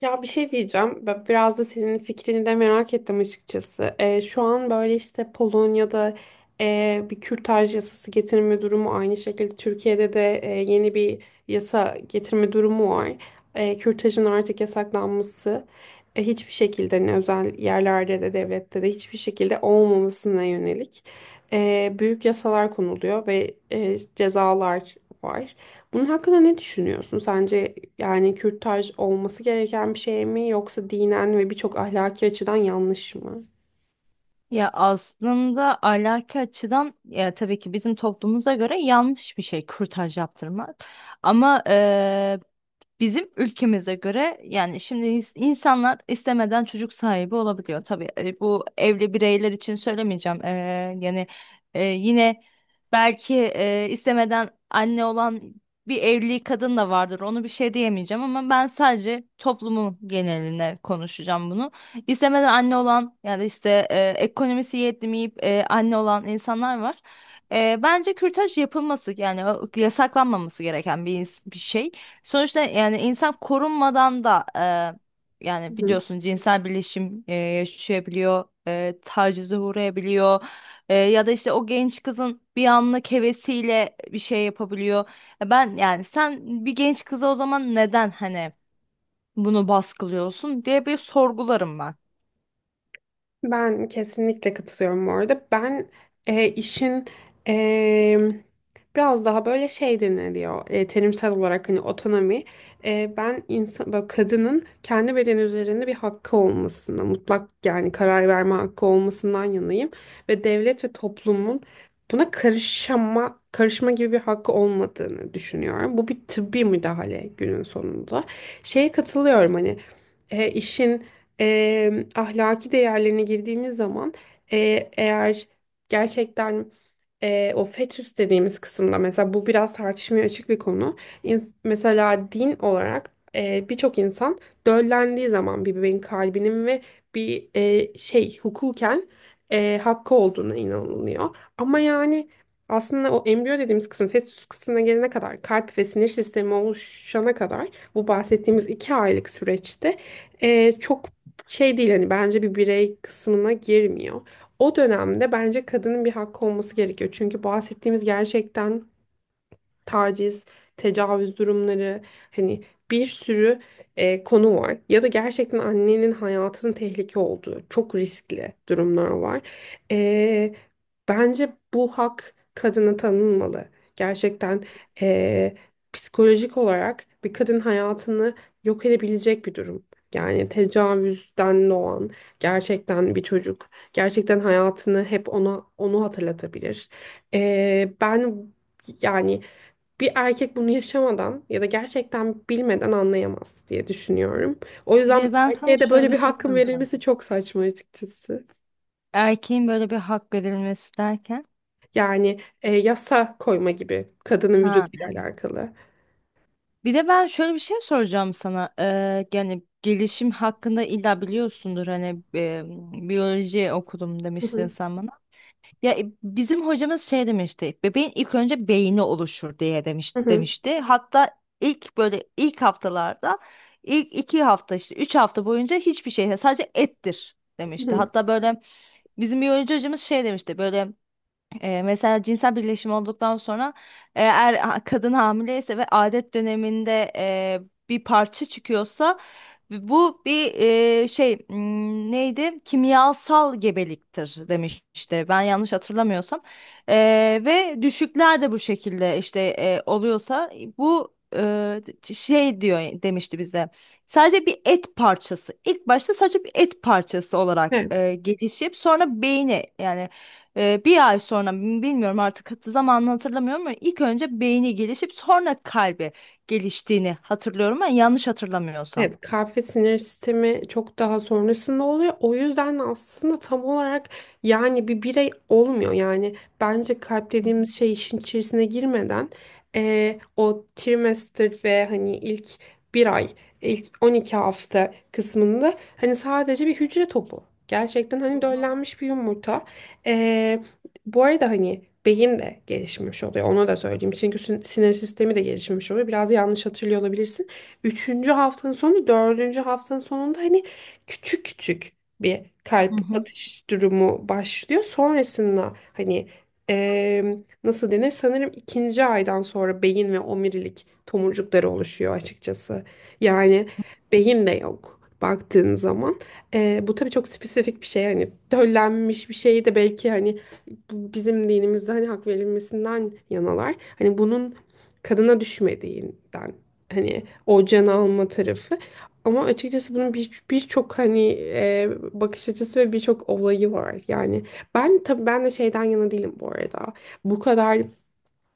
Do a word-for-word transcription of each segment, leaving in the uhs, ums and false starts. Ya bir şey diyeceğim. Ben biraz da senin fikrini de merak ettim açıkçası. Ee, şu an böyle işte Polonya'da e, bir kürtaj yasası getirme durumu, aynı şekilde Türkiye'de de e, yeni bir yasa getirme durumu var. E, kürtajın artık yasaklanması, e, hiçbir şekilde ne özel yerlerde de devlette de hiçbir şekilde olmamasına yönelik, e, büyük yasalar konuluyor ve e, cezalar var. Bunun hakkında ne düşünüyorsun? Sence yani kürtaj olması gereken bir şey mi yoksa dinen ve birçok ahlaki açıdan yanlış mı? Ya aslında ahlaki açıdan ya tabii ki bizim toplumumuza göre yanlış bir şey kürtaj yaptırmak. Ama bizim ülkemize göre yani şimdi ins- insanlar istemeden çocuk sahibi olabiliyor. Tabii e, bu evli bireyler için söylemeyeceğim. Ee, yani e, yine belki e, istemeden anne olan bir evli kadın da vardır. Onu bir şey diyemeyeceğim ama ben sadece toplumun geneline konuşacağım bunu. İstemeden anne olan yani işte e, ekonomisi yetmeyip e, anne olan insanlar var. E, bence kürtaj yapılması yani o- yasaklanmaması gereken bir, ins- bir şey. Sonuçta yani insan korunmadan da e, yani Hı. biliyorsun cinsel birleşim e, yaşayabiliyor, e, tacize uğrayabiliyor. E, ya da işte o genç kızın bir anlık hevesiyle bir şey yapabiliyor. E, Ben yani sen bir genç kıza o zaman neden hani bunu baskılıyorsun diye bir sorgularım ben. Ben kesinlikle katılıyorum bu arada. Ben e, işin e, biraz daha böyle şey deniliyor, e, terimsel olarak hani otonomi. E, ben insan, böyle kadının kendi bedeni üzerinde bir hakkı olmasına, mutlak yani karar verme hakkı olmasından yanayım. Ve devlet ve toplumun buna karışma, karışma gibi bir hakkı olmadığını düşünüyorum. Bu bir tıbbi müdahale günün sonunda. Şeye katılıyorum hani, e, işin e, ahlaki değerlerine girdiğimiz zaman, e, eğer gerçekten e, o fetüs dediğimiz kısımda mesela, bu biraz tartışmaya açık bir konu. İns- mesela din olarak, e, birçok insan döllendiği zaman bir bebeğin kalbinin ve bir e, şey hukuken e, hakkı olduğuna inanılıyor. Ama yani aslında o embriyo dediğimiz kısım fetüs kısmına gelene kadar, kalp ve sinir sistemi oluşana kadar, bu bahsettiğimiz iki aylık süreçte e, çok şey değil hani, bence bir birey kısmına girmiyor. O dönemde bence kadının bir hakkı olması gerekiyor. Çünkü bahsettiğimiz gerçekten taciz, tecavüz durumları, hani bir sürü e, konu var. Ya da gerçekten annenin hayatının tehlike olduğu çok riskli durumlar var. E, Bence bu hak kadına tanınmalı. Gerçekten, e, psikolojik olarak bir kadın hayatını yok edebilecek bir durum. Yani tecavüzden doğan gerçekten bir çocuk, gerçekten hayatını hep ona onu hatırlatabilir. E, ben yani, bir erkek bunu yaşamadan ya da gerçekten bilmeden anlayamaz diye düşünüyorum. O Bir yüzden de ben sana erkeğe de şöyle böyle bir bir şey hakkın söyleyeceğim. verilmesi çok saçma açıkçası. Erkeğin böyle bir hak verilmesi derken. Yani e, yasa koyma gibi, kadının Ha. vücuduyla alakalı. Bir de ben şöyle bir şey soracağım sana. Ee, yani gelişim hakkında illa biliyorsundur hani e, biyoloji okudum Hı demiştin hı. sen bana. Ya e, bizim hocamız şey demişti. Bebeğin ilk önce beyni oluşur diye demiş, Hı hı. demişti. Hatta ilk böyle ilk haftalarda ilk iki hafta işte üç hafta boyunca hiçbir şey sadece ettir Hı demişti. hı. Hatta böyle bizim biyoloji hocamız şey demişti böyle e, mesela cinsel birleşim olduktan sonra e, eğer ha- kadın hamileyse ve adet döneminde e, bir parça çıkıyorsa bu bir e, şey m, neydi? Kimyasal gebeliktir demiş işte ben yanlış hatırlamıyorsam. E, Ve düşükler de bu şekilde işte e, oluyorsa bu e, şey diyor demişti bize. Sadece bir et parçası. İlk başta sadece bir et parçası olarak Evet. e, gelişip sonra beyni yani ee, bir ay sonra bilmiyorum artık hat- zamanını hatırlamıyorum ama ilk önce beyni gelişip sonra kalbi geliştiğini hatırlıyorum ben yanlış hatırlamıyorsam. Evet, kalp ve sinir sistemi çok daha sonrasında oluyor. O yüzden aslında tam olarak yani bir birey olmuyor. Yani bence kalp dediğimiz şey işin içerisine girmeden, eee, o trimester ve hani ilk bir ay, ilk on iki hafta kısmında hani sadece bir hücre topu. Gerçekten hani döllenmiş bir yumurta. Eee, Bu arada hani beyin de gelişmiş oluyor. Onu da söyleyeyim. Çünkü sin- sinir sistemi de gelişmiş oluyor. Biraz yanlış hatırlıyor olabilirsin. Üçüncü haftanın sonu, dördüncü haftanın sonunda hani küçük küçük bir Hı kalp hı. atış durumu başlıyor. Sonrasında hani, eee, nasıl denir? Sanırım ikinci aydan sonra beyin ve omurilik tomurcukları oluşuyor açıkçası. Yani beyin de yok baktığın zaman. Eee, bu tabii çok spesifik bir şey. Hani döllenmiş bir şey de belki hani bu bizim dinimizde hani hak verilmesinden yanalar. Hani bunun kadına düşmediğinden, hani o can alma tarafı. Ama açıkçası bunun bir birçok hani e, bakış açısı ve birçok olayı var. Yani ben tabii ben de şeyden yana değilim bu arada. Bu kadar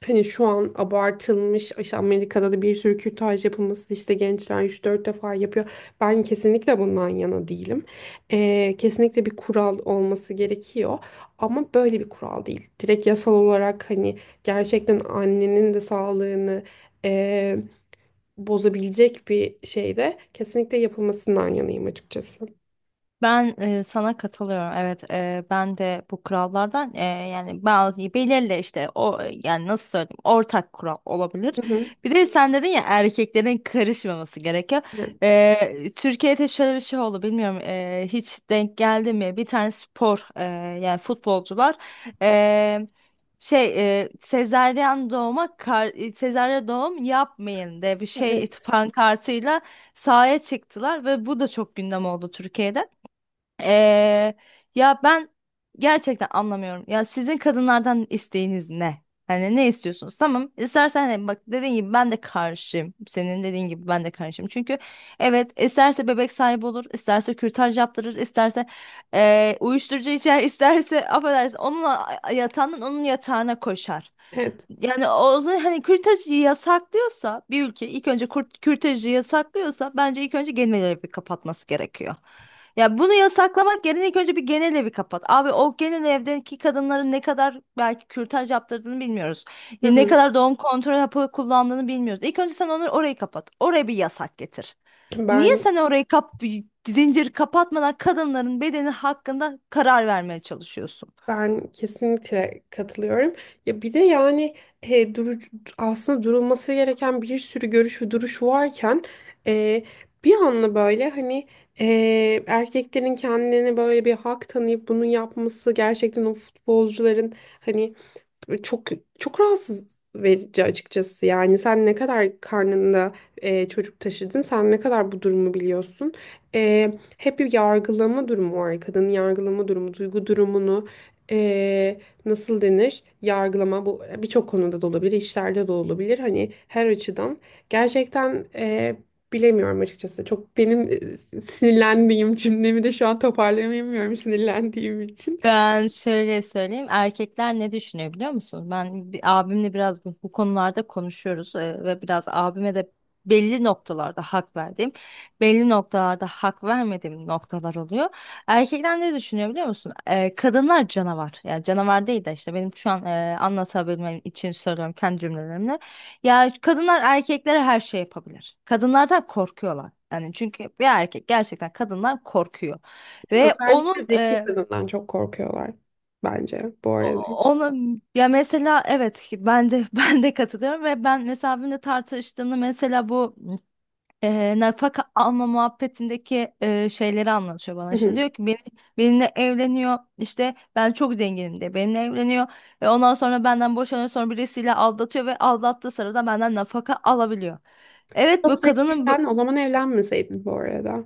hani şu an abartılmış, işte Amerika'da da bir sürü kürtaj yapılması, işte gençler üç dört defa yapıyor. Ben kesinlikle bundan yana değilim. E, kesinlikle bir kural olması gerekiyor. Ama böyle bir kural değil. Direkt yasal olarak hani gerçekten annenin de sağlığını bozabilecek bir şey de kesinlikle yapılmasından yanayım açıkçası. Ben e, sana katılıyorum. Evet, e, ben de bu kurallardan e, yani bazı belirli işte o yani nasıl söyleyeyim ortak kural olabilir. Hı hı. Bir de sen dedin ya erkeklerin karışmaması gerekiyor. Yani. E, Türkiye'de şöyle bir şey oldu bilmiyorum e, hiç denk geldi mi? Bir tane spor e, yani futbolcular e, şey e, sezaryen doğuma kar, e, sezaryen doğum yapmayın diye bir şey Evet. pankartıyla sahaya çıktılar ve bu da çok gündem oldu Türkiye'de. Ee, Ya ben gerçekten anlamıyorum. Ya sizin kadınlardan isteğiniz ne? Hani ne istiyorsunuz? Tamam. İstersen hani bak dediğin gibi ben de karşıyım. Senin dediğin gibi ben de karşıyım. Çünkü evet isterse bebek sahibi olur, isterse kürtaj yaptırır, isterse ee, uyuşturucu içer, isterse affedersin onunla yatağından onun yatağına koşar. Evet. Yani o zaman hani kürtajı yasaklıyorsa bir ülke ilk önce kurt- kürtajı yasaklıyorsa bence ilk önce gemileri bir kapatması gerekiyor. Ya bunu yasaklamak yerine ilk önce bir genel evi kapat. Abi o genel evdeki kadınların ne kadar belki kürtaj yaptırdığını bilmiyoruz. Hı Ne hı. kadar doğum kontrol hapı kullandığını bilmiyoruz. İlk önce sen onları orayı kapat. Oraya bir yasak getir. Niye Ben sen orayı kap Zincir kapatmadan kadınların bedeni hakkında karar vermeye çalışıyorsun? ben kesinlikle katılıyorum. Ya bir de yani e, duru, aslında durulması gereken bir sürü görüş ve duruş varken, e, bir anla böyle hani, e, erkeklerin kendine böyle bir hak tanıyıp bunu yapması, gerçekten o futbolcuların hani çok çok rahatsız verici açıkçası. Yani sen ne kadar karnında e, çocuk taşıdın, sen ne kadar bu durumu biliyorsun. E, hep bir yargılama durumu var. Kadının yargılama durumu, duygu durumunu, e, nasıl denir? Yargılama bu birçok konuda da olabilir, işlerde de olabilir. Hani her açıdan gerçekten, e, bilemiyorum açıkçası. Çok benim e, sinirlendiğim cümlemi de şu an toparlayamıyorum, sinirlendiğim için. Ben şöyle söyleyeyim. Erkekler ne düşünüyor biliyor musun? Ben bir, abimle biraz bu, bu konularda konuşuyoruz e, ve biraz abime de belli noktalarda hak verdiğim, belli noktalarda hak vermediğim noktalar oluyor. Erkekler ne düşünüyor biliyor musun? E, kadınlar canavar. Yani canavar değil de işte benim şu an e, anlatabilmem için söylüyorum kendi cümlelerimle. Ya kadınlar erkeklere her şey yapabilir. Kadınlardan korkuyorlar. Yani çünkü bir erkek gerçekten kadından korkuyor. Ve Özellikle onun zeki kadından çok korkuyorlar bence bu arada. ona Ya mesela evet ki ben de ben de katılıyorum ve ben mesela benimle tartıştığımda mesela bu e, nafaka alma muhabbetindeki e, şeyleri anlatıyor bana. Hı İşte hı. diyor ki beni, benimle evleniyor işte ben çok zenginim de benimle evleniyor. E, ondan sonra benden boşanıyor sonra birisiyle aldatıyor ve aldattığı sırada benden nafaka alabiliyor. Evet Çok bu kadının bu, zekiysen o zaman evlenmeseydin bu arada.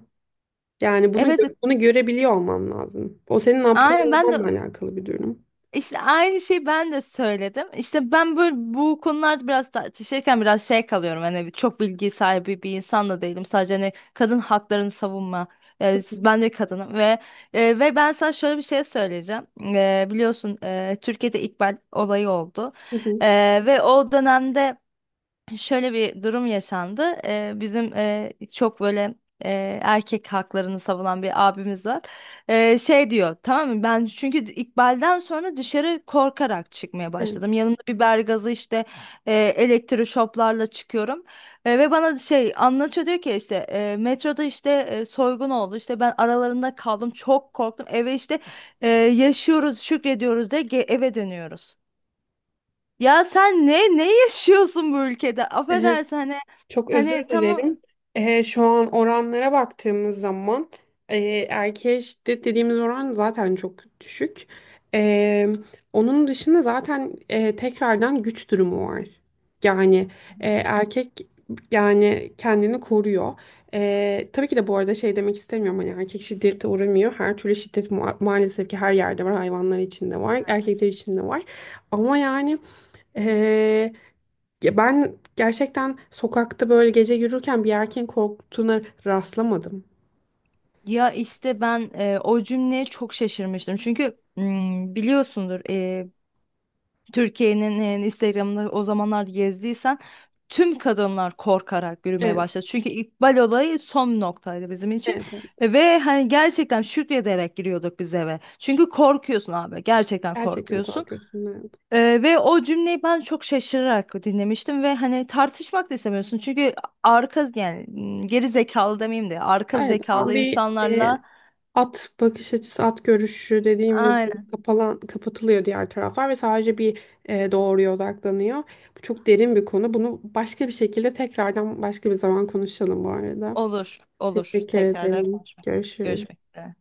Yani bunu evet, gö- bunu görebiliyor olman lazım. O senin aptal aynen, ben olmanla de alakalı bir durum. İşte aynı şeyi ben de söyledim. İşte ben böyle bu konularda biraz tartışırken biraz şey kalıyorum. Hani çok bilgi sahibi bir insan da değilim. Sadece hani kadın haklarını savunma. E, siz- ben de kadınım ve e, ve ben sana şöyle bir şey söyleyeceğim. E, biliyorsun e, Türkiye'de İkbal olayı oldu. Hı hı. E, Ve o dönemde şöyle bir durum yaşandı. Ee, bizim e, çok böyle e, erkek haklarını savunan bir abimiz var. Ee, şey diyor, tamam mı? Ben çünkü İkbal'den sonra dışarı korkarak çıkmaya başladım. Yanımda biber gazı işte e, elektroşoplarla çıkıyorum. E, ve bana şey anlatıyor diyor ki işte e, metroda işte e, soygun oldu. İşte ben aralarında kaldım. Çok korktum. Eve işte e, yaşıyoruz, şükrediyoruz de ge- eve dönüyoruz. Ya sen ne ne yaşıyorsun bu ülkede? Evet. Affedersin hani Çok özür hani tamam. dilerim. Ee, şu an oranlara baktığımız zaman, e, erkeğe şiddet dediğimiz oran zaten çok düşük. Ee, Onun dışında zaten, e, tekrardan güç durumu var. Yani, e, erkek yani kendini koruyor. Ee, tabii ki de bu arada şey demek istemiyorum hani erkek şiddete uğramıyor. Her türlü şiddet ma- maalesef ki her yerde var. Hayvanlar içinde var, Evet. erkekler içinde var. Ama yani, ya ben gerçekten sokakta böyle gece yürürken bir erkeğin korktuğuna rastlamadım. Ya işte ben e, o cümleye çok şaşırmıştım. Çünkü mm, biliyorsundur e, Türkiye'nin e, Instagram'ını o zamanlar gezdiysen tüm kadınlar korkarak yürümeye Evet, başladı. Çünkü İkbal olayı son noktaydı bizim için. evet, evet. E, Ve hani gerçekten şükrederek giriyorduk biz eve. Çünkü korkuyorsun abi. Gerçekten Gerçekten korkuyorsun. korkuyorsun. Evet. Ee, ve o cümleyi ben çok şaşırarak dinlemiştim ve hani tartışmak da istemiyorsun. Çünkü arka yani m, geri zekalı demeyeyim de arka Evet, ama zekalı bir e, insanlarla at bakış açısı, at görüşü dediğimiz, aynen kapalan, kapatılıyor diğer taraflar ve sadece bir e, doğruya odaklanıyor. Bu çok derin bir konu. Bunu başka bir şekilde, tekrardan başka bir zaman konuşalım bu arada. olur olur Teşekkür tekrardan ederim. konuşmak görüşmek Görüşürüz. üzere.